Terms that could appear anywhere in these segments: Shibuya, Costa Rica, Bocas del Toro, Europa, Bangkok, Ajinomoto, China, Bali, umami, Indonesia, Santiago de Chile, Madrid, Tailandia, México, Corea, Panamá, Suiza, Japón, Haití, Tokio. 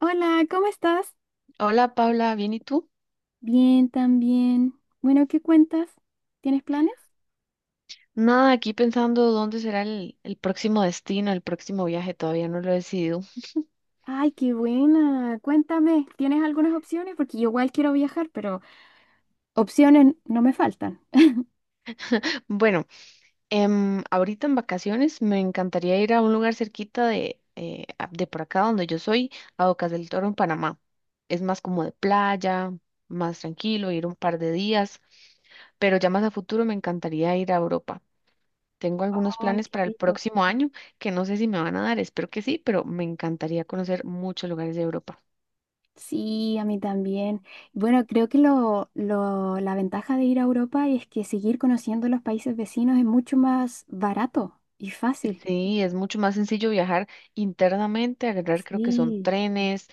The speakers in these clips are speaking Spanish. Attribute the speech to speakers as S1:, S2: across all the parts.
S1: Hola, ¿cómo estás?
S2: Hola Paula, ¿bien y tú?
S1: Bien, también. Bueno, ¿qué cuentas? ¿Tienes planes?
S2: Nada, aquí pensando dónde será el próximo destino, el próximo viaje, todavía no lo he decidido.
S1: Ay, qué buena. Cuéntame, ¿tienes algunas opciones? Porque yo igual quiero viajar, pero opciones no me faltan.
S2: Bueno, ahorita en vacaciones me encantaría ir a un lugar cerquita de por acá donde yo soy, a Bocas del Toro en Panamá. Es más como de playa, más tranquilo, ir un par de días, pero ya más a futuro me encantaría ir a Europa. Tengo algunos
S1: Ay,
S2: planes
S1: qué
S2: para el
S1: rico.
S2: próximo año que no sé si me van a dar, espero que sí, pero me encantaría conocer muchos lugares de Europa.
S1: Sí, a mí también. Bueno, creo que la ventaja de ir a Europa es que seguir conociendo los países vecinos es mucho más barato y fácil.
S2: Sí, es mucho más sencillo viajar internamente, agarrar creo que son
S1: Sí.
S2: trenes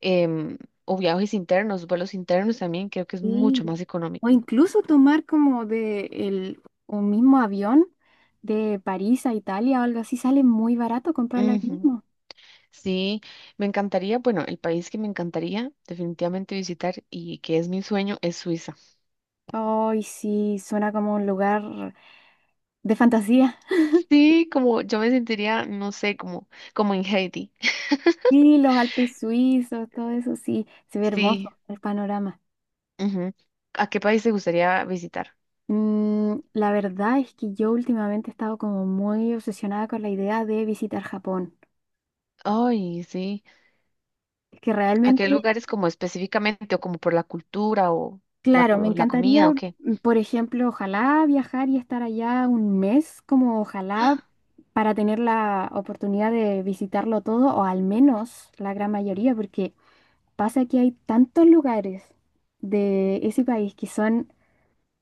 S2: em, o viajes internos, vuelos internos también, creo que es mucho
S1: Sí.
S2: más
S1: O
S2: económico.
S1: incluso tomar como un mismo avión de París a Italia o algo así, sale muy barato comprarlo ahí
S2: Ujú,
S1: mismo.
S2: sí, me encantaría, bueno, el país que me encantaría definitivamente visitar y que es mi sueño es Suiza.
S1: Ay, sí, suena como un lugar de fantasía.
S2: Sí, como yo me sentiría, no sé, como en Haití.
S1: Sí, los Alpes suizos, todo eso, sí, se ve
S2: Sí.
S1: hermoso el panorama.
S2: Ujú. ¿A qué país te gustaría visitar?
S1: La verdad es que yo últimamente he estado como muy obsesionada con la idea de visitar Japón.
S2: Ay, sí.
S1: Es que
S2: ¿A qué
S1: realmente.
S2: lugares como específicamente o como por la cultura o
S1: Claro, me
S2: la
S1: encantaría,
S2: comida o qué?
S1: por ejemplo, ojalá viajar y estar allá un mes, como ojalá para tener la oportunidad de visitarlo todo, o al menos la gran mayoría, porque pasa que hay tantos lugares de ese país que son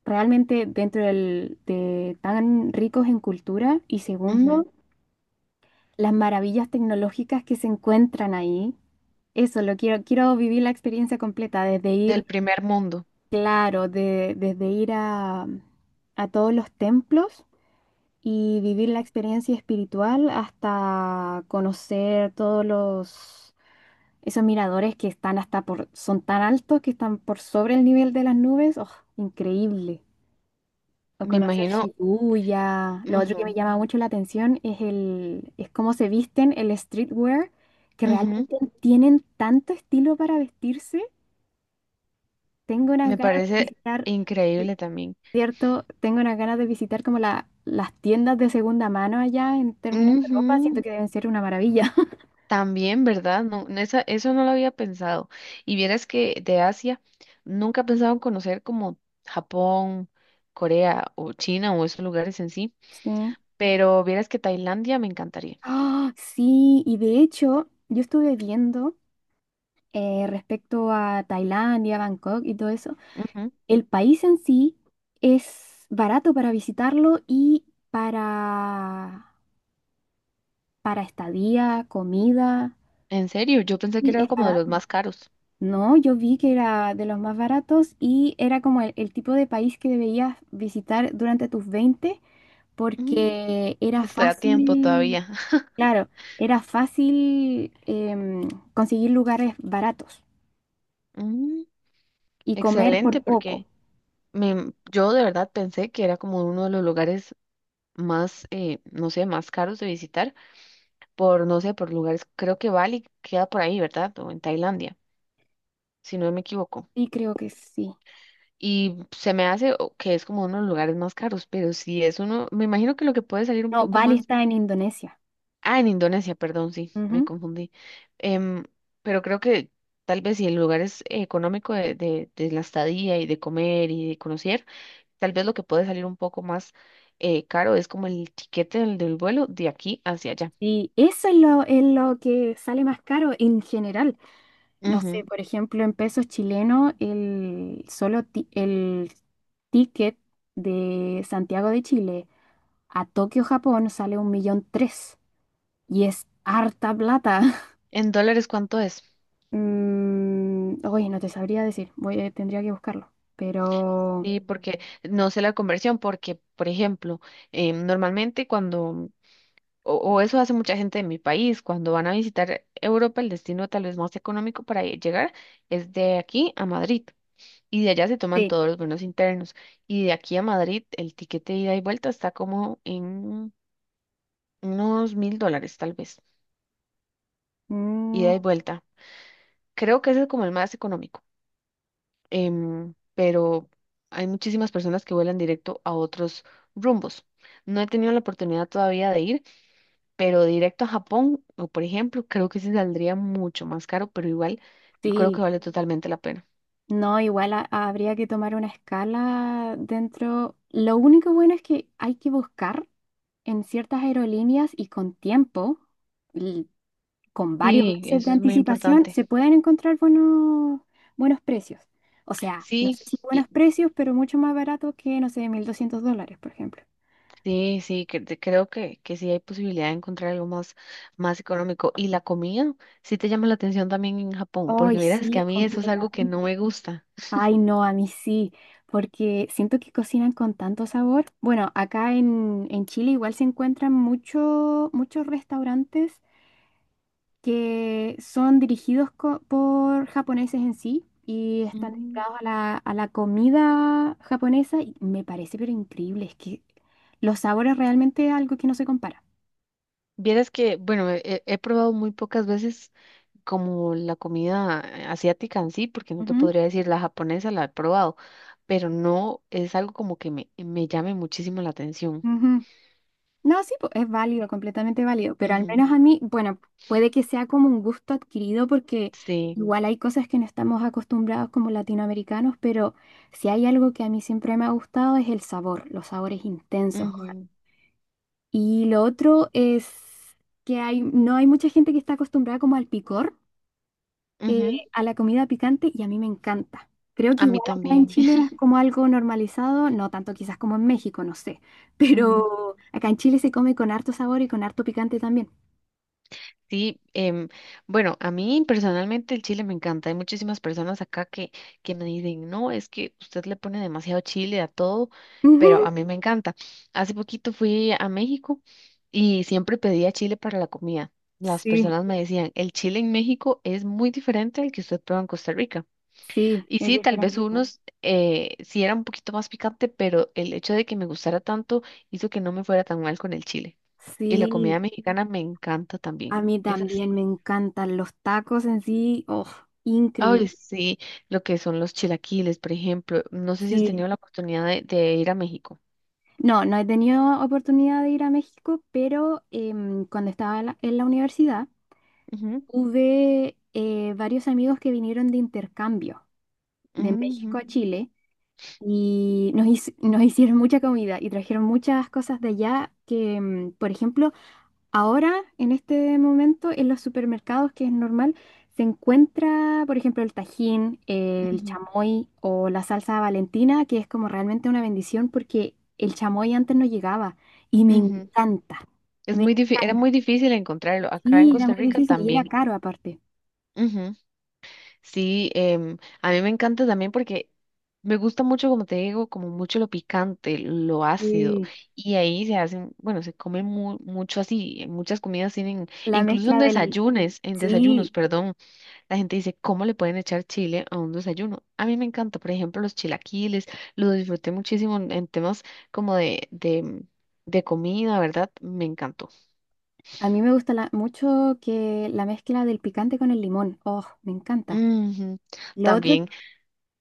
S1: realmente de tan ricos en cultura, y
S2: Ujú,
S1: segundo, las maravillas tecnológicas que se encuentran ahí. Eso, quiero vivir la experiencia completa, desde
S2: del
S1: ir.
S2: primer mundo,
S1: Claro, desde ir a todos los templos y vivir la experiencia espiritual hasta conocer todos los esos miradores que son tan altos que están por sobre el nivel de las nubes. ¡Oh, increíble! O
S2: me
S1: conocer
S2: imagino.
S1: Shibuya. Lo otro que me
S2: Ujú,
S1: llama mucho la atención es cómo se visten el streetwear, que
S2: ujú,
S1: realmente tienen tanto estilo para vestirse. Tengo unas
S2: me
S1: ganas de
S2: parece
S1: visitar.
S2: increíble también.
S1: Cierto, tengo unas ganas de visitar como las tiendas de segunda mano allá en términos de ropa,
S2: Ujú,
S1: siento que deben ser una maravilla.
S2: también, ¿verdad? No, no, eso no lo había pensado. Y vieras que de Asia nunca he pensado en conocer como Japón, Corea o China o esos lugares en sí,
S1: Sí.
S2: pero vieras que Tailandia me encantaría.
S1: Ah, sí, y de hecho, yo estuve viendo respecto a Tailandia, Bangkok y todo eso,
S2: Ujú,
S1: el país en sí es barato para visitarlo y para, para, estadía, comida,
S2: en serio, yo pensé que
S1: y
S2: era
S1: es
S2: como de los
S1: barato.
S2: más caros.
S1: No, yo vi que era de los más baratos y era como el tipo de país que debías visitar durante tus 20
S2: Mm,
S1: porque era
S2: Estoy a tiempo
S1: fácil,
S2: todavía.
S1: claro, era fácil conseguir lugares baratos
S2: Mm,
S1: y comer
S2: Excelente,
S1: por poco.
S2: porque. Yo de verdad pensé que era como uno de los lugares más, no sé, más caros de visitar por, no sé, por lugares, creo que Bali queda por ahí, ¿verdad? O en Tailandia, si no me equivoco.
S1: Sí, creo que sí.
S2: Y se me hace que es como uno de los lugares más caros, pero si es uno, me imagino que lo que puede salir un
S1: No,
S2: poco
S1: Bali
S2: más,
S1: está en Indonesia.
S2: ah, en Indonesia, perdón, sí, me
S1: Ujú.
S2: confundí. Em, pero creo que tal vez si el lugar es económico de la estadía y de comer y de conocer. Tal vez lo que puede salir un poco más caro es como el tiquete del vuelo de aquí hacia allá.
S1: Y eso es lo que sale más caro en general. No sé,
S2: Ujú.
S1: por ejemplo, en pesos chilenos, el solo el ticket de Santiago de Chile a Tokio, Japón, sale un millón tres. Y es harta plata.
S2: ¿En dólares cuánto es?
S1: Oye, no te sabría decir. Tendría que buscarlo. Pero
S2: Sí, porque no sé la conversión, porque, por ejemplo, normalmente cuando, o eso hace mucha gente de mi país, cuando van a visitar Europa, el destino tal vez más económico para llegar es de aquí a Madrid. Y de allá se toman
S1: sí,
S2: todos los vuelos internos. Y de aquí a Madrid, el tiquete de ida y vuelta está como en unos $1.000, tal vez,
S1: mm,
S2: ida y vuelta. Creo que ese es como el más económico, pero hay muchísimas personas que vuelan directo a otros rumbos. No he tenido la oportunidad todavía de ir, pero directo a Japón, o por ejemplo, creo que sí saldría mucho más caro, pero igual yo creo que
S1: sí.
S2: vale totalmente la pena.
S1: No, igual habría que tomar una escala dentro. Lo único bueno es que hay que buscar en ciertas aerolíneas y con tiempo con varios
S2: Sí,
S1: meses de
S2: eso es muy
S1: anticipación
S2: importante.
S1: se pueden encontrar buenos, buenos precios. O sea, no
S2: Sí,
S1: sé si buenos
S2: y-
S1: precios, pero mucho más barato que, no sé, $1.200, por ejemplo.
S2: sí, sí, creo que sí hay posibilidad de encontrar algo más, más económico. Y la comida, sí te llama la atención también en Japón,
S1: Ay,
S2: porque verás que
S1: sí,
S2: a mí eso es algo que no
S1: completamente.
S2: me gusta.
S1: Ay, no, a mí sí, porque siento que cocinan con tanto sabor. Bueno, acá en, Chile igual se encuentran muchos restaurantes que son dirigidos por japoneses en sí y están dedicados a la comida japonesa y me parece pero increíble, es que los sabores realmente es algo que no se compara.
S2: Vieras que, bueno, probado muy pocas veces como la comida asiática en sí, porque no te
S1: Ujú,
S2: podría decir la japonesa, la he probado, pero no es algo como que me llame muchísimo la atención.
S1: ujú. No, sí, po, es válido, completamente válido, pero al
S2: Ujú,
S1: menos a mí, bueno, puede que sea como un gusto adquirido porque
S2: sí,
S1: igual hay cosas que no estamos acostumbrados como latinoamericanos, pero si hay algo que a mí siempre me ha gustado es el sabor, los sabores intensos.
S2: ujú,
S1: Y lo otro es que no hay mucha gente que está acostumbrada como al picor, eh,
S2: ujú,
S1: a la comida picante, y a mí me encanta. Creo que
S2: a mí
S1: igual acá en
S2: también.
S1: Chile es como algo normalizado, no tanto quizás como en México, no sé,
S2: Ujú.
S1: pero acá en Chile se come con harto sabor y con harto picante también.
S2: Sí, bueno, a mí personalmente el chile me encanta. Hay muchísimas personas acá que me dicen, no, es que usted le pone demasiado chile a todo,
S1: Ujú.
S2: pero a mí me encanta. Hace poquito fui a México y siempre pedía chile para la comida. Las
S1: Sí,
S2: personas me decían, el chile en México es muy diferente al que usted prueba en Costa Rica.
S1: sí,
S2: Y
S1: es
S2: sí, tal vez
S1: diferente.
S2: unos sí era un poquito más picante, pero el hecho de que me gustara tanto hizo que no me fuera tan mal con el chile. Y la comida
S1: Sí,
S2: mexicana me encanta también.
S1: a mí también me encantan los tacos en sí, oh, increíble.
S2: Ay, sí, lo que son los chilaquiles, por ejemplo. No sé si has
S1: Sí.
S2: tenido la oportunidad de ir a México.
S1: No, no he tenido oportunidad de ir a México, pero cuando estaba en la universidad
S2: Ujú,
S1: tuve varios amigos que vinieron de intercambio de México
S2: ujú,
S1: a Chile y nos hicieron mucha comida y trajeron muchas cosas de allá que, por ejemplo. Ahora, en este momento, en los supermercados, que es normal, se encuentra, por ejemplo, el tajín, el
S2: ujú,
S1: chamoy o la salsa Valentina, que es como realmente una bendición porque el chamoy antes no llegaba y me
S2: ujú.
S1: encanta.
S2: Es
S1: Me
S2: muy era
S1: encanta.
S2: muy difícil encontrarlo. Acá en
S1: Sí, era
S2: Costa
S1: muy
S2: Rica
S1: difícil y era
S2: también.
S1: caro aparte.
S2: Ujú. Sí, a mí me encanta también porque me gusta mucho, como te digo, como mucho lo picante, lo ácido.
S1: Sí.
S2: Y ahí se hacen, bueno, se come mucho así. Muchas comidas tienen,
S1: La
S2: incluso
S1: mezcla del.
S2: en desayunos,
S1: Sí,
S2: perdón. La gente dice, ¿cómo le pueden echar chile a un desayuno? A mí me encanta, por ejemplo, los chilaquiles, lo disfruté muchísimo en temas como de comida, ¿verdad? Me encantó.
S1: a mí me gusta mucho que la mezcla del picante con el limón. Oh, me encanta.
S2: Ujú,
S1: Lo otro
S2: también,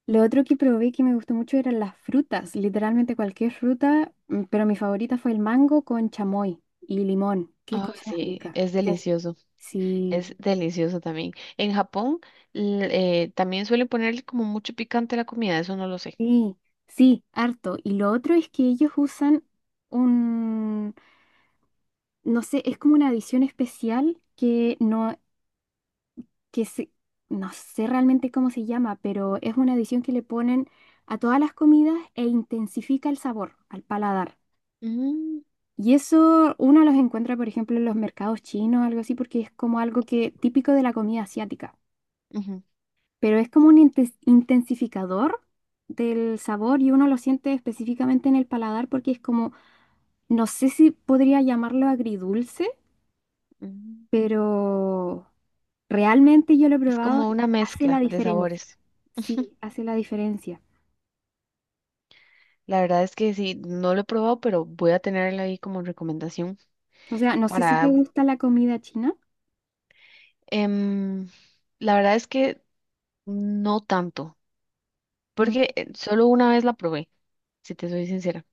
S1: Lo otro que probé que me gustó mucho eran las frutas, literalmente cualquier fruta, pero mi favorita fue el mango con chamoy y limón. Qué
S2: ay,
S1: cosa más
S2: sí,
S1: rica. Yes. Sí,
S2: es delicioso también. En Japón l- también suelen ponerle como mucho picante a la comida, eso no lo sé.
S1: sí, sí, harto. Y lo otro es que ellos usan un, no sé, es como una adición especial que no, que se, no sé realmente cómo se llama, pero es una adición que le ponen a todas las comidas e intensifica el sabor al paladar.
S2: Mm,
S1: Y eso uno los encuentra, por ejemplo, en los mercados chinos, algo así, porque es como algo que típico de la comida asiática,
S2: ujú,
S1: pero es como un intensificador del sabor y uno lo siente específicamente en el paladar porque es como, no sé si podría llamarlo agridulce,
S2: ujú.
S1: pero realmente yo lo he
S2: Es
S1: probado
S2: como
S1: y
S2: una
S1: hace la
S2: mezcla de
S1: diferencia.
S2: sabores.
S1: Sí, hace la diferencia.
S2: La verdad es que sí, no lo he probado, pero voy a tenerla ahí como recomendación
S1: O sea, no sé si te
S2: para.
S1: gusta la comida china.
S2: Em, la verdad es que no tanto,
S1: Mm.
S2: porque solo una vez la probé, si te soy sincera.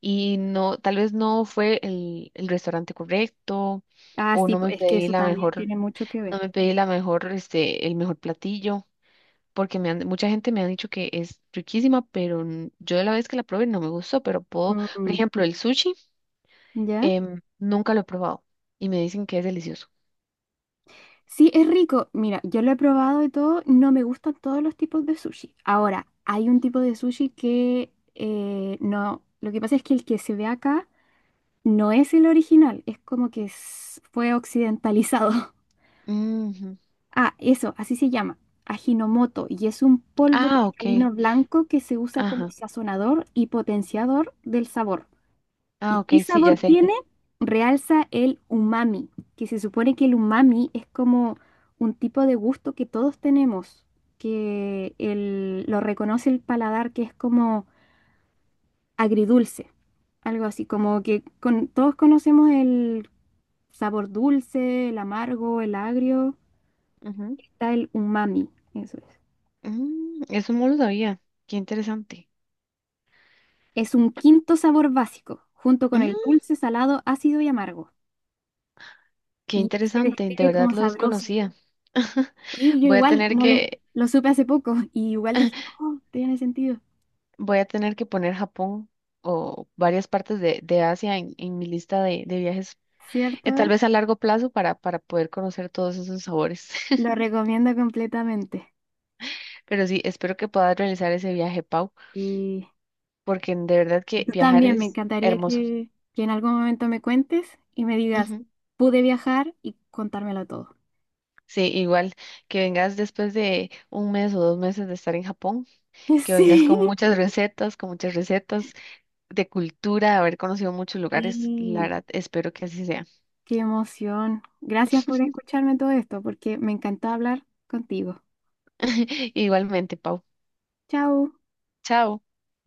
S2: Y no, tal vez no fue el restaurante correcto,
S1: Ah,
S2: o
S1: sí,
S2: no me
S1: pues es que
S2: pedí
S1: eso
S2: la
S1: también
S2: mejor,
S1: tiene mucho que
S2: no
S1: ver.
S2: me pedí la mejor, este, el mejor platillo, porque mucha gente me ha dicho que es riquísima, pero yo la vez que la probé no me gustó, pero puedo, por
S1: Mm.
S2: ejemplo, el sushi,
S1: ¿Ya?
S2: nunca lo he probado y me dicen que es delicioso.
S1: Sí, es rico. Mira, yo lo he probado y todo, no me gustan todos los tipos de sushi. Ahora, hay un tipo de sushi que no, lo que pasa es que el que se ve acá no es el original, es como que fue occidentalizado.
S2: Ujú.
S1: Ah, eso, así se llama, Ajinomoto, y es un polvo
S2: Ah, ok.
S1: cristalino blanco que se usa como
S2: Ajá.
S1: sazonador y potenciador del sabor. ¿Y
S2: Ah, ok,
S1: qué
S2: sí,
S1: sabor
S2: ya sé.
S1: tiene? Realza el umami, que se supone que el umami es como un tipo de gusto que todos tenemos, que lo reconoce el paladar, que es como agridulce, algo así, como que todos conocemos el sabor dulce, el amargo, el agrio, está el umami, eso es.
S2: Eso no lo sabía. Qué interesante.
S1: Es un quinto sabor básico, junto con
S2: Mm,
S1: el dulce, salado, ácido y amargo,
S2: Qué
S1: y se
S2: interesante, de
S1: describe
S2: verdad
S1: como
S2: lo
S1: sabroso.
S2: desconocía.
S1: Sí, yo
S2: Voy a
S1: igual
S2: tener
S1: no lo,
S2: que,
S1: lo supe hace poco y igual dije, oh, tiene sentido,
S2: voy a tener que poner Japón o varias partes de Asia en mi lista de viajes, tal
S1: ¿cierto?
S2: vez a largo plazo para poder conocer todos esos sabores.
S1: Lo recomiendo completamente.
S2: Pero sí, espero que puedas realizar ese viaje, Pau,
S1: Y
S2: porque de verdad que
S1: tú
S2: viajar
S1: también me
S2: es
S1: encantaría
S2: hermoso.
S1: que en algún momento me cuentes y me digas,
S2: Ujú.
S1: pude viajar y contármelo todo.
S2: Sí, igual que vengas después de un mes o 2 meses de estar en Japón, que vengas
S1: Sí,
S2: con muchas recetas de cultura, haber conocido muchos lugares, la
S1: sí,
S2: verdad, espero que así sea.
S1: qué emoción. Gracias por escucharme todo esto porque me encantó hablar contigo.
S2: Igualmente, Pau.
S1: Chao.
S2: Chao.